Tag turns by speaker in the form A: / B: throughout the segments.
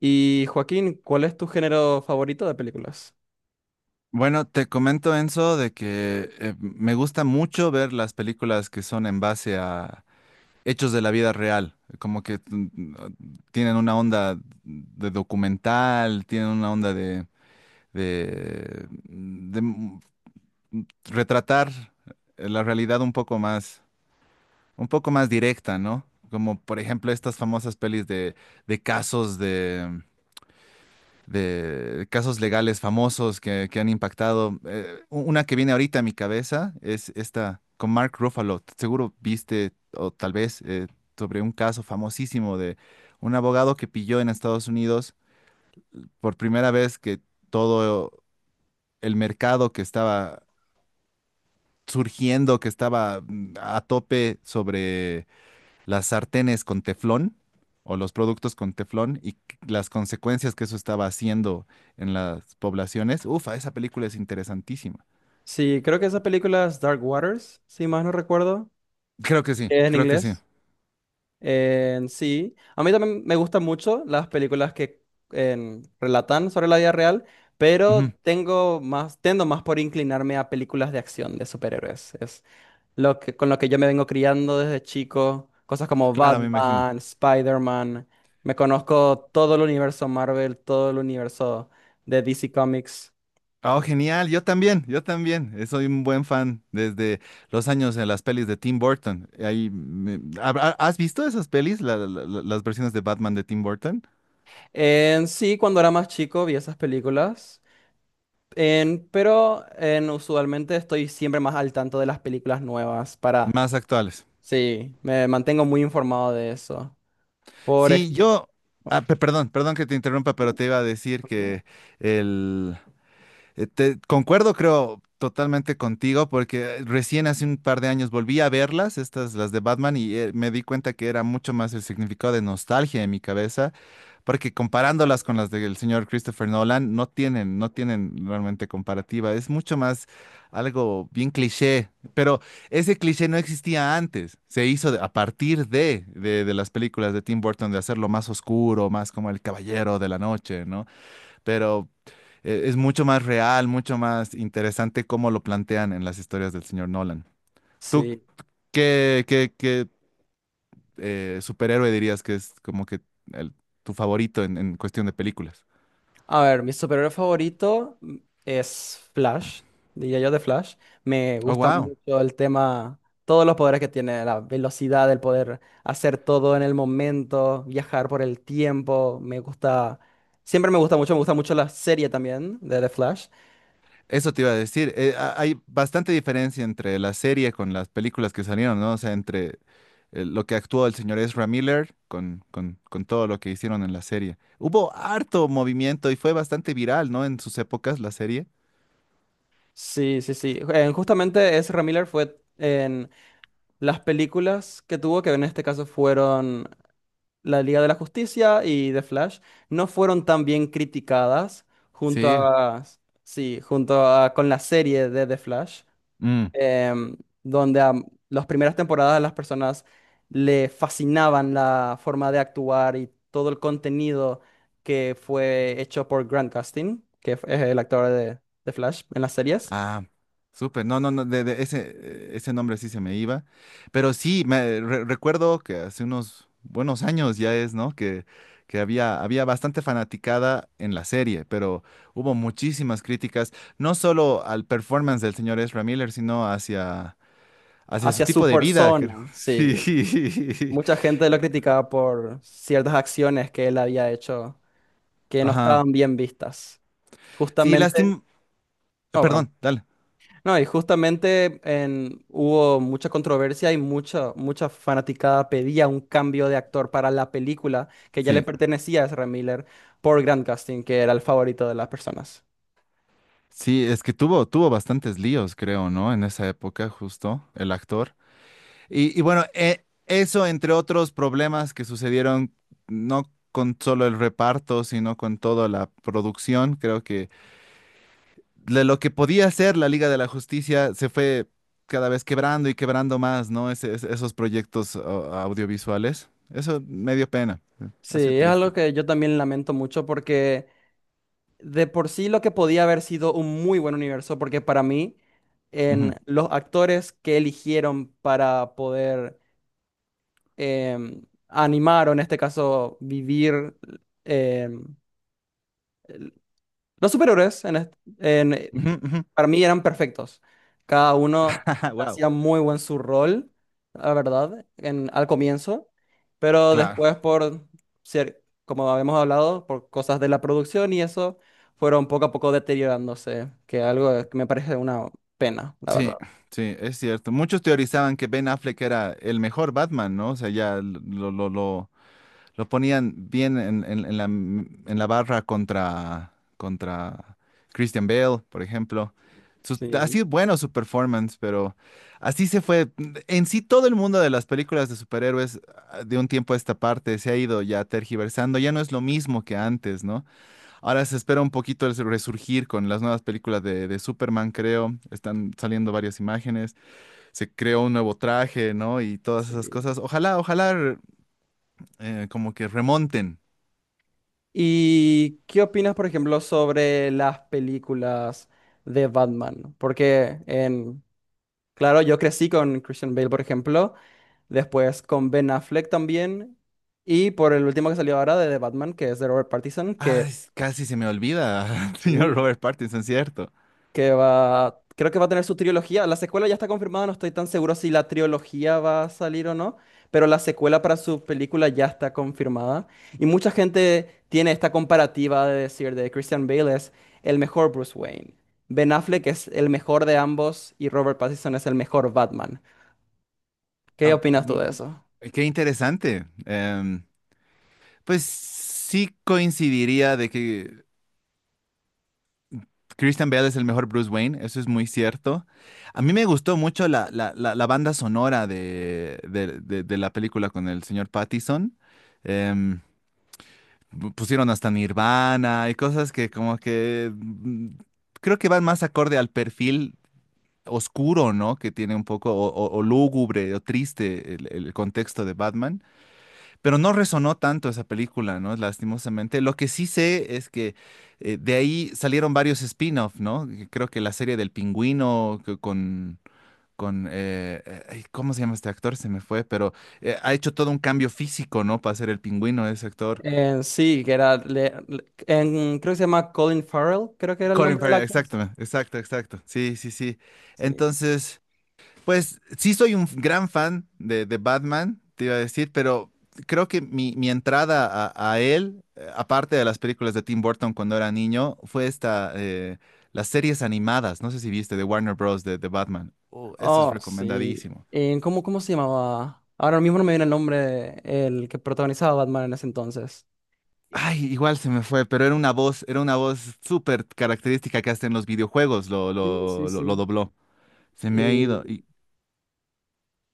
A: Y Joaquín, ¿cuál es tu género favorito de películas?
B: Bueno, te comento, Enzo, de que me gusta mucho ver las películas que son en base a hechos de la vida real, como que tienen una onda de documental, tienen una onda de retratar la realidad un poco más directa, ¿no? Como por ejemplo estas famosas pelis de casos de casos legales famosos que han impactado. Una que viene ahorita a mi cabeza es esta con Mark Ruffalo. Seguro viste, o tal vez, sobre un caso famosísimo de un abogado que pilló en Estados Unidos por primera vez que todo el mercado que estaba surgiendo, que estaba a tope sobre las sartenes con teflón o los productos con teflón las consecuencias que eso estaba haciendo en las poblaciones. Ufa, esa película es interesantísima.
A: Sí, creo que esa película es Dark Waters, si más no recuerdo,
B: Creo que sí,
A: que es en
B: creo que sí.
A: inglés. En sí, a mí también me gustan mucho las películas que relatan sobre la vida real,
B: Ujú.
A: pero tendo más por inclinarme a películas de acción de superhéroes. Es lo que, con lo que yo me vengo criando desde chico, cosas como
B: Claro, me imagino.
A: Batman, Spider-Man, me conozco todo el universo Marvel, todo el universo de DC Comics.
B: Oh, genial, yo también, yo también. Soy un buen fan desde los años de las pelis de Tim Burton. ¿Has visto esas pelis, las versiones de Batman de Tim Burton?
A: En sí, cuando era más chico vi esas películas, usualmente estoy siempre más al tanto de las películas nuevas para...
B: Más actuales.
A: Sí, me mantengo muy informado de eso. Por
B: Sí,
A: ejemplo...
B: yo, perdón que te interrumpa, pero
A: Uh,
B: te iba a decir que el, concuerdo, creo, totalmente contigo, porque recién hace un par de años volví a verlas, estas, las de Batman, y me di cuenta que era mucho más el significado de nostalgia en mi cabeza, porque comparándolas con las del señor Christopher Nolan, no tienen realmente comparativa. Es mucho más algo bien cliché, pero ese cliché no existía antes. Se hizo a partir de las películas de Tim Burton, de hacerlo más oscuro, más como el caballero de la noche, ¿no? Pero es mucho más real, mucho más interesante cómo lo plantean en las historias del señor Nolan. ¿Tú
A: Sí.
B: qué superhéroe dirías que es como que el- tu favorito en cuestión de películas?
A: A ver, mi superhéroe favorito es Flash, diría yo de Flash. Me
B: Oh,
A: gusta
B: wow.
A: mucho el tema, todos los poderes que tiene, la velocidad, el poder hacer todo en el momento, viajar por el tiempo. Siempre me gusta mucho la serie también de The Flash.
B: Eso te iba a decir. Hay bastante diferencia entre la serie con las películas que salieron, ¿no? O sea, entre lo que actuó el señor Ezra Miller con todo lo que hicieron en la serie. Hubo harto movimiento y fue bastante viral, ¿no? En sus épocas, la serie.
A: Sí, sí, sí. Justamente Ezra Miller fue en las películas que tuvo, que en este caso fueron la Liga de la Justicia y The Flash, no fueron tan bien criticadas junto
B: Sí.
A: a, sí, junto a, con la serie de The Flash,
B: Mm.
A: em, donde a las primeras temporadas las personas le fascinaban la forma de actuar y todo el contenido que fue hecho por Grant Gustin, que es el actor de Flash en las series,
B: Ah, súper. No, no, no, de ese nombre sí se me iba. Pero sí, me recuerdo que hace unos buenos años ya es, ¿no? Que había bastante fanaticada en la serie, pero hubo muchísimas críticas, no solo al performance del señor Ezra Miller, sino hacia su
A: hacia su
B: tipo de vida,
A: persona,
B: creo.
A: sí.
B: Sí.
A: Mucha gente lo criticaba por ciertas acciones que él había hecho que no
B: Ajá.
A: estaban bien vistas.
B: Sí,
A: Justamente,
B: lástima.
A: no, perdón.
B: Perdón, dale.
A: No, y justamente hubo mucha controversia y mucha, mucha fanaticada pedía un cambio de actor para la película que ya le
B: Sí.
A: pertenecía a Ezra Miller por Grant Gustin, que era el favorito de las personas.
B: Sí, es que tuvo bastantes líos, creo, ¿no? En esa época, justo, el actor. Y bueno, eso entre otros problemas que sucedieron, no con solo el reparto, sino con toda la producción, creo que de lo que podía hacer la Liga de la Justicia se fue cada vez quebrando y quebrando más, ¿no? Esos proyectos audiovisuales. Eso me dio pena,
A: Sí,
B: ha sido
A: es algo
B: triste.
A: que yo también lamento mucho porque de por sí lo que podía haber sido un muy buen universo, porque para mí,
B: Ujú.
A: en los actores que eligieron para poder em, animar o en este caso vivir em, el- los superhéroes en-
B: Ujú, ujú.
A: para mí eran perfectos. Cada uno
B: Wow.
A: hacía muy buen su rol, la verdad, en, al comienzo, pero
B: Claro,
A: después por ser, como habíamos hablado, por cosas de la producción y eso, fueron poco a poco deteriorándose, que algo que me parece una pena, la
B: sí,
A: verdad.
B: sí, es cierto. Muchos teorizaban que Ben Affleck era el mejor Batman, ¿no? O sea, ya lo ponían bien en en la barra contra Christian Bale, por ejemplo. Ha
A: Sí,
B: sido bueno su performance, pero así se fue. En sí, todo el mundo de las películas de superhéroes de un tiempo a esta parte se ha ido ya tergiversando. Ya no es lo mismo que antes, ¿no? Ahora se espera un poquito el resurgir con las nuevas películas de Superman, creo. Están saliendo varias imágenes. Se creó un nuevo traje, ¿no? Y todas esas
A: sí.
B: cosas. Ojalá, ojalá, como que remonten.
A: ¿Y qué opinas, por ejemplo, sobre las películas de Batman? Porque en, claro, yo crecí con Christian Bale, por ejemplo, después con Ben Affleck también, y por el último que salió ahora de The Batman, que es de Robert Pattinson, que
B: Ay, casi se me olvida, señor
A: sí,
B: Robert Pattinson, ¿cierto?
A: que va, creo que va a tener su trilogía. La secuela ya está confirmada, no estoy tan seguro si la trilogía va a salir o no, pero la secuela para su película ya está confirmada. Y mucha gente tiene esta comparativa de decir de Christian Bale es el mejor Bruce Wayne, Ben Affleck es el mejor de ambos y Robert Pattinson es el mejor Batman. ¿Qué
B: Ah,
A: opinas tú de
B: mm,
A: eso?
B: Qué interesante. Pues sí coincidiría de que Christian Bale es el mejor Bruce Wayne, eso es muy cierto. A mí me gustó mucho la banda sonora de la película con el señor Pattinson. Em, Pusieron hasta Nirvana y cosas que como que creo que van más acorde al perfil oscuro, ¿no? Que tiene un poco, o lúgubre, o triste el contexto de Batman, pero no resonó tanto esa película, ¿no? Lastimosamente. Lo que sí sé es que de ahí salieron varios spin-off, ¿no? Que Creo que la serie del pingüino que con ay, ¿cómo se llama este actor? Se me fue, pero ha hecho todo un cambio físico, ¿no? Para ser el pingüino ese actor.
A: Sí, que era, creo que se llama Colin Farrell, creo que era el
B: Colin
A: nombre de la
B: Farrell, exacto,
A: actriz.
B: exacto, exacto. Sí, sí, sí.
A: Sí.
B: Entonces. Pues sí soy un gran fan de Batman, te iba a decir, pero creo que mi entrada a él, aparte de las películas de Tim Burton cuando era niño, fue esta, las series animadas, no sé si viste, de Warner Bros. de Batman. Oh, eso es
A: Oh, sí.
B: recomendadísimo.
A: ¿Cómo, cómo se llamaba? Ahora mismo no me viene el nombre el que protagonizaba a Batman en ese entonces.
B: Ay, igual se me fue, pero era una voz súper característica que hasta en los videojuegos lo,
A: Sí, sí,
B: lo, lo, lo
A: sí.
B: dobló. Se me ha ido.
A: Eh,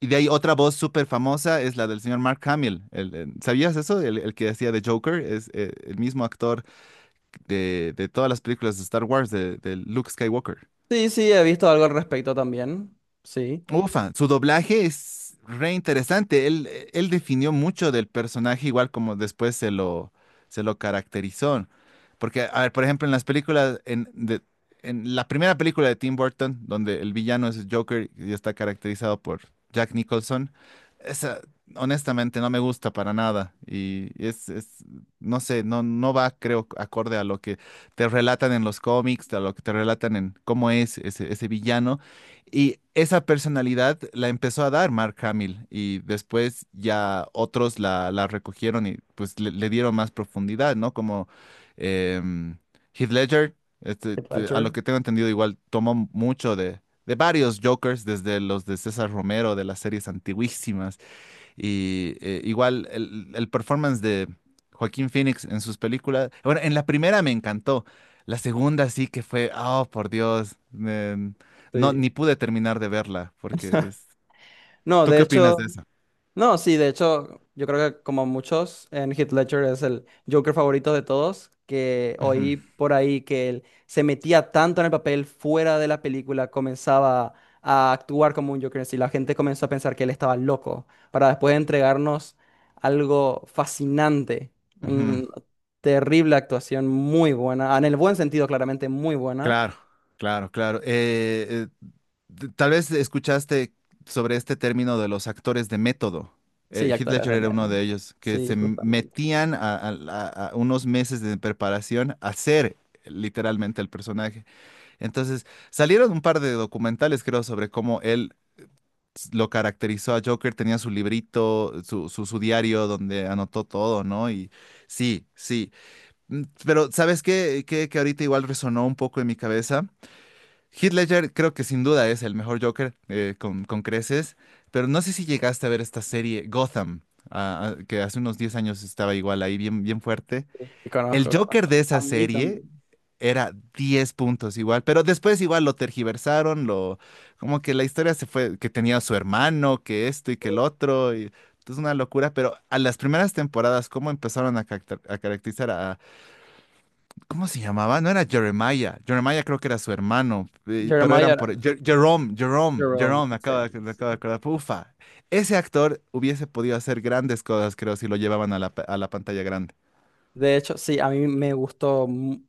B: Y de ahí otra voz súper famosa es la del señor Mark Hamill. ¿Sabías eso? El que hacía de Joker es el mismo actor de todas las películas de Star Wars, de Luke Skywalker.
A: sí, sí, he visto algo al respecto también. Sí.
B: Ufa, su doblaje es re interesante. Él definió mucho del personaje, igual como después se lo caracterizó. Porque, a ver, por ejemplo, en las películas, en la primera película de Tim Burton, donde el villano es Joker y está caracterizado por Jack Nicholson, esa honestamente no me gusta para nada. Y no sé, no, no va, creo, acorde a lo que te relatan en los cómics, a lo que te relatan en cómo es ese villano. Y esa personalidad la empezó a dar Mark Hamill y después ya otros la recogieron y pues le dieron más profundidad, ¿no? Como em, Heath Ledger,
A: Heath
B: a lo
A: Ledger.
B: que tengo entendido igual tomó mucho de varios Jokers, desde los de César Romero, de las series antiguísimas, y igual el performance de Joaquín Phoenix en sus películas. Bueno, en la primera me encantó. La segunda sí que fue, oh, por Dios. No,
A: Sí.
B: ni pude terminar de verla
A: No,
B: ¿Tú
A: de
B: qué opinas de
A: hecho.
B: eso?
A: No, sí, de hecho, yo creo que como muchos, en Heath Ledger es el Joker favorito de todos, que
B: Ujú,
A: oí por ahí que él se metía tanto en el papel fuera de la película, comenzaba a actuar como un Joker en sí, la gente comenzó a pensar que él estaba loco, para después entregarnos algo fascinante,
B: ujú.
A: una terrible actuación, muy buena, en el buen sentido, claramente, muy buena.
B: Claro, claro, claro. Tal vez escuchaste sobre este término de los actores de método.
A: Sí,
B: Heath
A: actores
B: Ledger
A: de
B: era uno
A: miedo.
B: de ellos, que
A: Sí,
B: se
A: justamente.
B: metían a unos meses de preparación a hacer literalmente el personaje. Entonces, salieron un par de documentales, creo, sobre cómo él lo caracterizó a Joker. Tenía su librito, su diario donde anotó todo, ¿no? Y sí, sí. Pero, ¿sabes qué? Que ahorita igual resonó un poco en mi cabeza. Heath Ledger creo que sin duda es el mejor Joker con creces, pero no sé si llegaste a ver esta serie Gotham, que hace unos 10 años estaba igual ahí bien, bien fuerte.
A: Sí,
B: El
A: conozco,
B: Joker
A: conozco.
B: de
A: A
B: esa
A: mí
B: serie
A: también.
B: era 10 puntos igual, pero después igual lo tergiversaron, lo como que la historia se fue, que tenía su hermano, que esto y que el otro, y es una locura, pero a las primeras temporadas, ¿cómo empezaron a caracterizar a, ¿cómo se llamaba? No era Jeremiah, Jeremiah creo que era su hermano, pero eran
A: Jeremiah,
B: por, Jer- Jerome, Jerome,
A: Jerome,
B: Jerome,
A: se llama,
B: me
A: sí.
B: acabo de acordar, ufa, ese actor hubiese podido hacer grandes cosas, creo, si lo llevaban a a la pantalla grande.
A: De hecho, sí, a mí me gustó.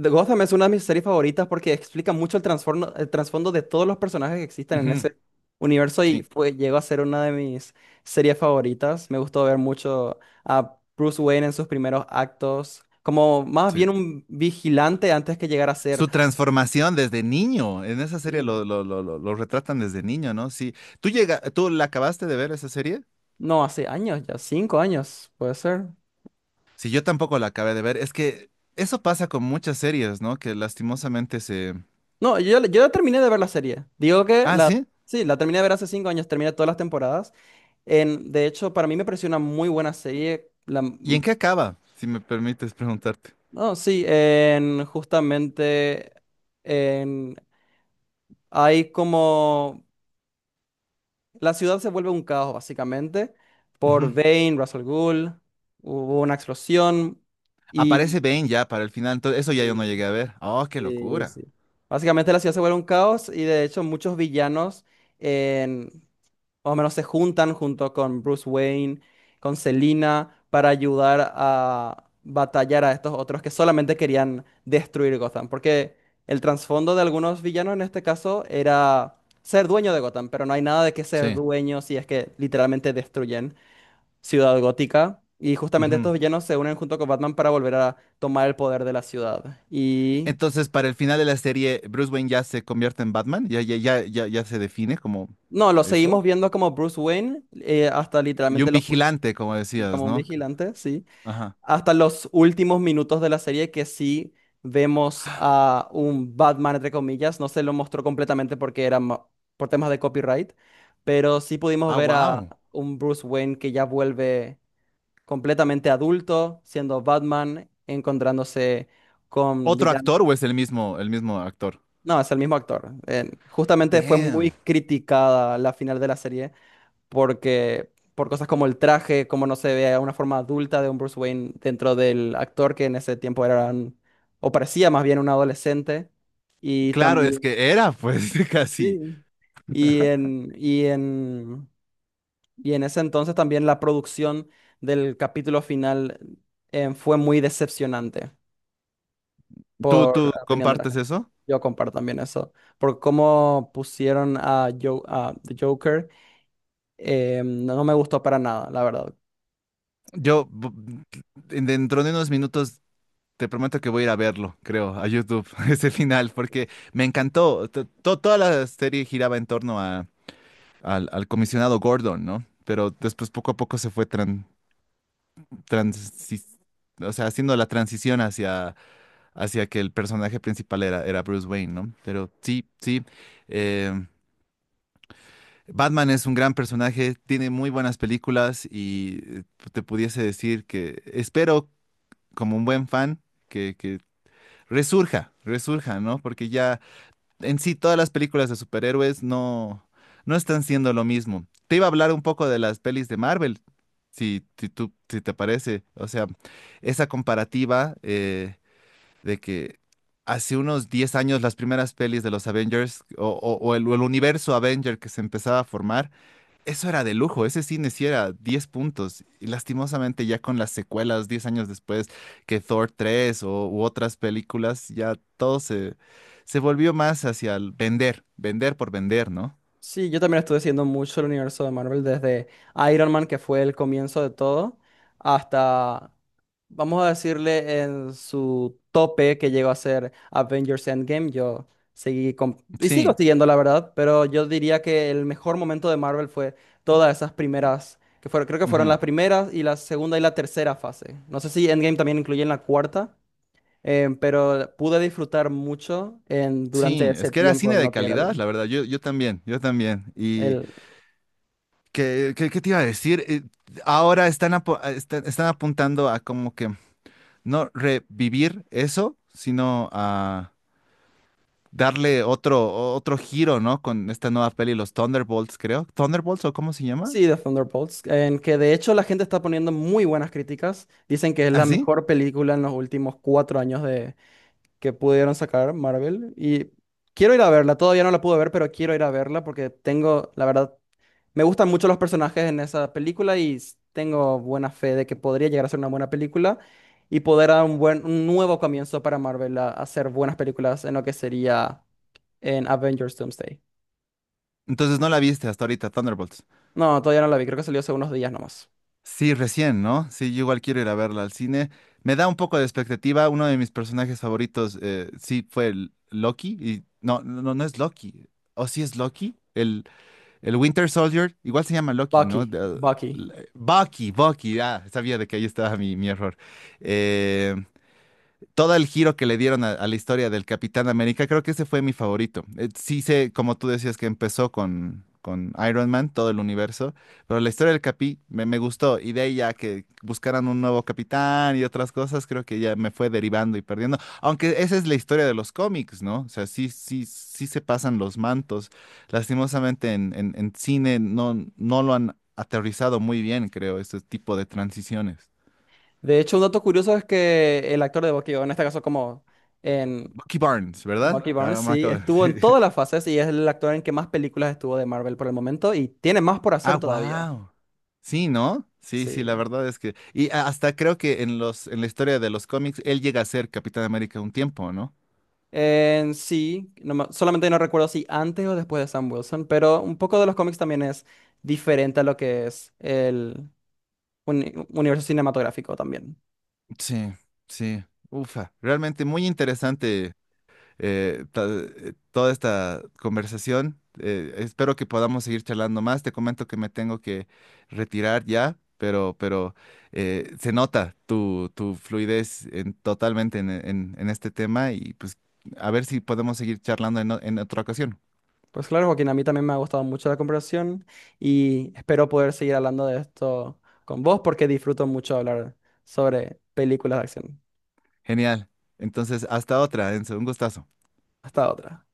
A: The Gotham es una de mis series favoritas porque explica mucho el trasfondo de todos los personajes que existen en
B: Ujú.
A: ese universo y
B: Sí,
A: fue, llegó a ser una de mis series favoritas. Me gustó ver mucho a Bruce Wayne en sus primeros actos, como más
B: sí.
A: bien un vigilante antes que llegara a ser.
B: Su transformación desde niño. En esa serie
A: Mm.
B: lo retratan desde niño, ¿no? Sí. ¿Tú la acabaste de ver esa serie?
A: No, hace años ya, cinco años, puede ser.
B: Sí, yo tampoco la acabé de ver. Es que eso pasa con muchas series, ¿no? Que lastimosamente se.
A: No, yo ya terminé de ver la serie. Digo que
B: Ah,
A: la,
B: sí.
A: sí, la terminé de ver hace cinco años, terminé todas las temporadas. En, de hecho, para mí me pareció una muy buena serie.
B: ¿Y en qué acaba? Si me permites preguntarte.
A: No, sí, justamente en, hay como... La ciudad se vuelve un caos, básicamente, por
B: Ujú.
A: Bane, Russell Gould, hubo una explosión y...
B: Aparece Bane ya para el final. Entonces, eso ya yo no
A: Sí,
B: llegué a ver. Oh, qué
A: sí,
B: locura.
A: sí. Básicamente la ciudad se vuelve un caos y de hecho muchos villanos más o menos se juntan junto con Bruce Wayne, con Selina, para ayudar a batallar a estos otros que solamente querían destruir Gotham. Porque el trasfondo de algunos villanos en este caso era ser dueño de Gotham, pero no hay nada de que ser
B: Sí.
A: dueño si es que literalmente destruyen Ciudad Gótica. Y justamente estos
B: Ujú.
A: villanos se unen junto con Batman para volver a tomar el poder de la ciudad. Y
B: Entonces, para el final de la serie, Bruce Wayne ya se convierte en Batman. Ya, ya, ya, ya, ya se define como
A: no, lo seguimos
B: eso.
A: viendo como Bruce Wayne, hasta
B: Y
A: literalmente
B: un
A: los,
B: vigilante, como decías,
A: como un
B: ¿no?
A: vigilante, sí.
B: Ajá.
A: Hasta los últimos minutos de la serie que sí vemos a un Batman, entre comillas. No se lo mostró completamente porque era por temas de copyright, pero sí pudimos
B: Ah,
A: ver a
B: wow.
A: un Bruce Wayne que ya vuelve completamente adulto, siendo Batman, encontrándose con
B: ¿Otro
A: villanos.
B: actor o es el mismo actor?
A: No, es el mismo actor. Justamente fue
B: Damn.
A: muy criticada la final de la serie porque por cosas como el traje, como no se ve una forma adulta de un Bruce Wayne dentro del actor que en ese tiempo era o parecía más bien un adolescente y
B: Claro, es
A: también
B: que era, pues, casi.
A: sí. Y en y en y en ese entonces también la producción del capítulo final fue muy decepcionante
B: ¿Tú
A: por opinión de la
B: compartes
A: gente.
B: eso?
A: Yo comparto también eso, por cómo pusieron a, a The Joker, no, no me gustó para nada, la verdad.
B: Yo, bu- Dentro de unos minutos, te prometo que voy a ir a verlo, creo, a YouTube, ese final, porque me encantó. Toda la serie giraba en torno al comisionado Gordon, ¿no? Pero después, poco a poco, se fue transi- o sea, haciendo la transición hacia que el personaje principal era Bruce Wayne, ¿no? Pero sí, sí. eh, Batman es un gran personaje, tiene muy buenas películas y te pudiese decir que espero, como un buen fan, que resurja, resurja, ¿no? Porque ya en sí todas las películas de superhéroes no, no están siendo lo mismo. Te iba a hablar un poco de las pelis de Marvel, si, si te parece. O sea, esa comparativa. De que hace unos 10 años las primeras pelis de los Avengers o o el universo Avenger que se empezaba a formar, eso era de lujo, ese cine sí era 10 puntos. Y lastimosamente ya con las secuelas 10 años después que Thor 3 u otras películas, ya todo se volvió más hacia el vender, vender por vender, ¿no?
A: Sí, yo también estuve siguiendo mucho el universo de Marvel desde Iron Man, que fue el comienzo de todo, hasta, vamos a decirle, en su tope que llegó a ser Avengers Endgame. Yo y sigo
B: Sí,
A: siguiendo, la verdad, pero yo diría que el mejor momento de Marvel fue todas esas primeras, que fueron, creo que fueron
B: ujú.
A: las primeras y la segunda y la tercera fase. No sé si Endgame también incluye en la cuarta, pero pude disfrutar mucho en, durante
B: Sí,
A: ese
B: es que era
A: tiempo
B: cine
A: en
B: de
A: lo que era
B: calidad,
A: el...
B: la verdad, yo también, yo también.
A: el
B: ¿Qué te iba a decir? Ahora están apuntando a como que no revivir eso, sino a darle otro giro, ¿no? Con esta nueva peli, los Thunderbolts, creo. ¿Thunderbolts o cómo se llama?
A: Sí, The Thunderbolts, en que de hecho la gente está poniendo muy buenas críticas. Dicen que es
B: ¿Ah,
A: la
B: sí?
A: mejor película en los últimos cuatro años de que pudieron sacar Marvel. Y quiero ir a verla, todavía no la pude ver, pero quiero ir a verla porque tengo, la verdad, me gustan mucho los personajes en esa película y tengo buena fe de que podría llegar a ser una buena película y poder dar un buen, un nuevo comienzo para Marvel a hacer buenas películas en lo que sería en Avengers Doomsday.
B: Entonces no la viste hasta ahorita, Thunderbolts.
A: No, todavía no la vi, creo que salió hace unos días nomás.
B: Sí, recién, ¿no? Sí, yo igual quiero ir a verla al cine. Me da un poco de expectativa. Uno de mis personajes favoritos, sí, fue el Loki. Y no, no, no no es Loki. ¿O sí es Loki? El Winter Soldier, igual se llama Loki, ¿no?
A: Bucky, Bucky.
B: Bucky, Bucky, ah, sabía de que ahí estaba mi error. Eh, Todo el giro que le dieron a la historia del Capitán América, creo que ese fue mi favorito. Sí sé, como tú decías, que empezó con Iron Man, todo el universo, pero la historia del Capi me gustó y de ahí ya que buscaran un nuevo capitán y otras cosas, creo que ya me fue derivando y perdiendo. Aunque esa es la historia de los cómics, ¿no? O sea, sí, sí, sí se pasan los mantos. Lastimosamente en cine no, no lo han aterrizado muy bien, creo, este tipo de transiciones.
A: De hecho, un dato curioso es que el actor de Bucky, o en este caso como en
B: Bucky Barnes, ¿verdad?
A: Bucky Barnes,
B: Ahora me
A: sí,
B: acabo
A: estuvo en
B: de-
A: todas las fases y es el actor en que más películas estuvo de Marvel por el momento y tiene más por
B: Ah,
A: hacer todavía.
B: wow. Sí, ¿no? Sí, sí, la
A: Sí.
B: verdad es que. Hasta creo que en la historia de los cómics, él llega a ser Capitán América un tiempo, ¿no?
A: En sí, solamente no recuerdo si antes o después de Sam Wilson, pero un poco de los cómics también es diferente a lo que es el universo cinematográfico también.
B: Sí, sí. Ufa. Realmente muy interesante toda esta conversación. Espero que podamos seguir charlando más. Te comento que me tengo que retirar ya, pero, se nota tu fluidez totalmente en este tema y pues a ver si podemos seguir charlando en otra ocasión.
A: Pues claro, Joaquín, a mí también me ha gustado mucho la conversación y espero poder seguir hablando de esto con vos porque disfruto mucho hablar sobre películas de acción.
B: Genial. Entonces, hasta otra, Enzo. Un gustazo.
A: Hasta otra.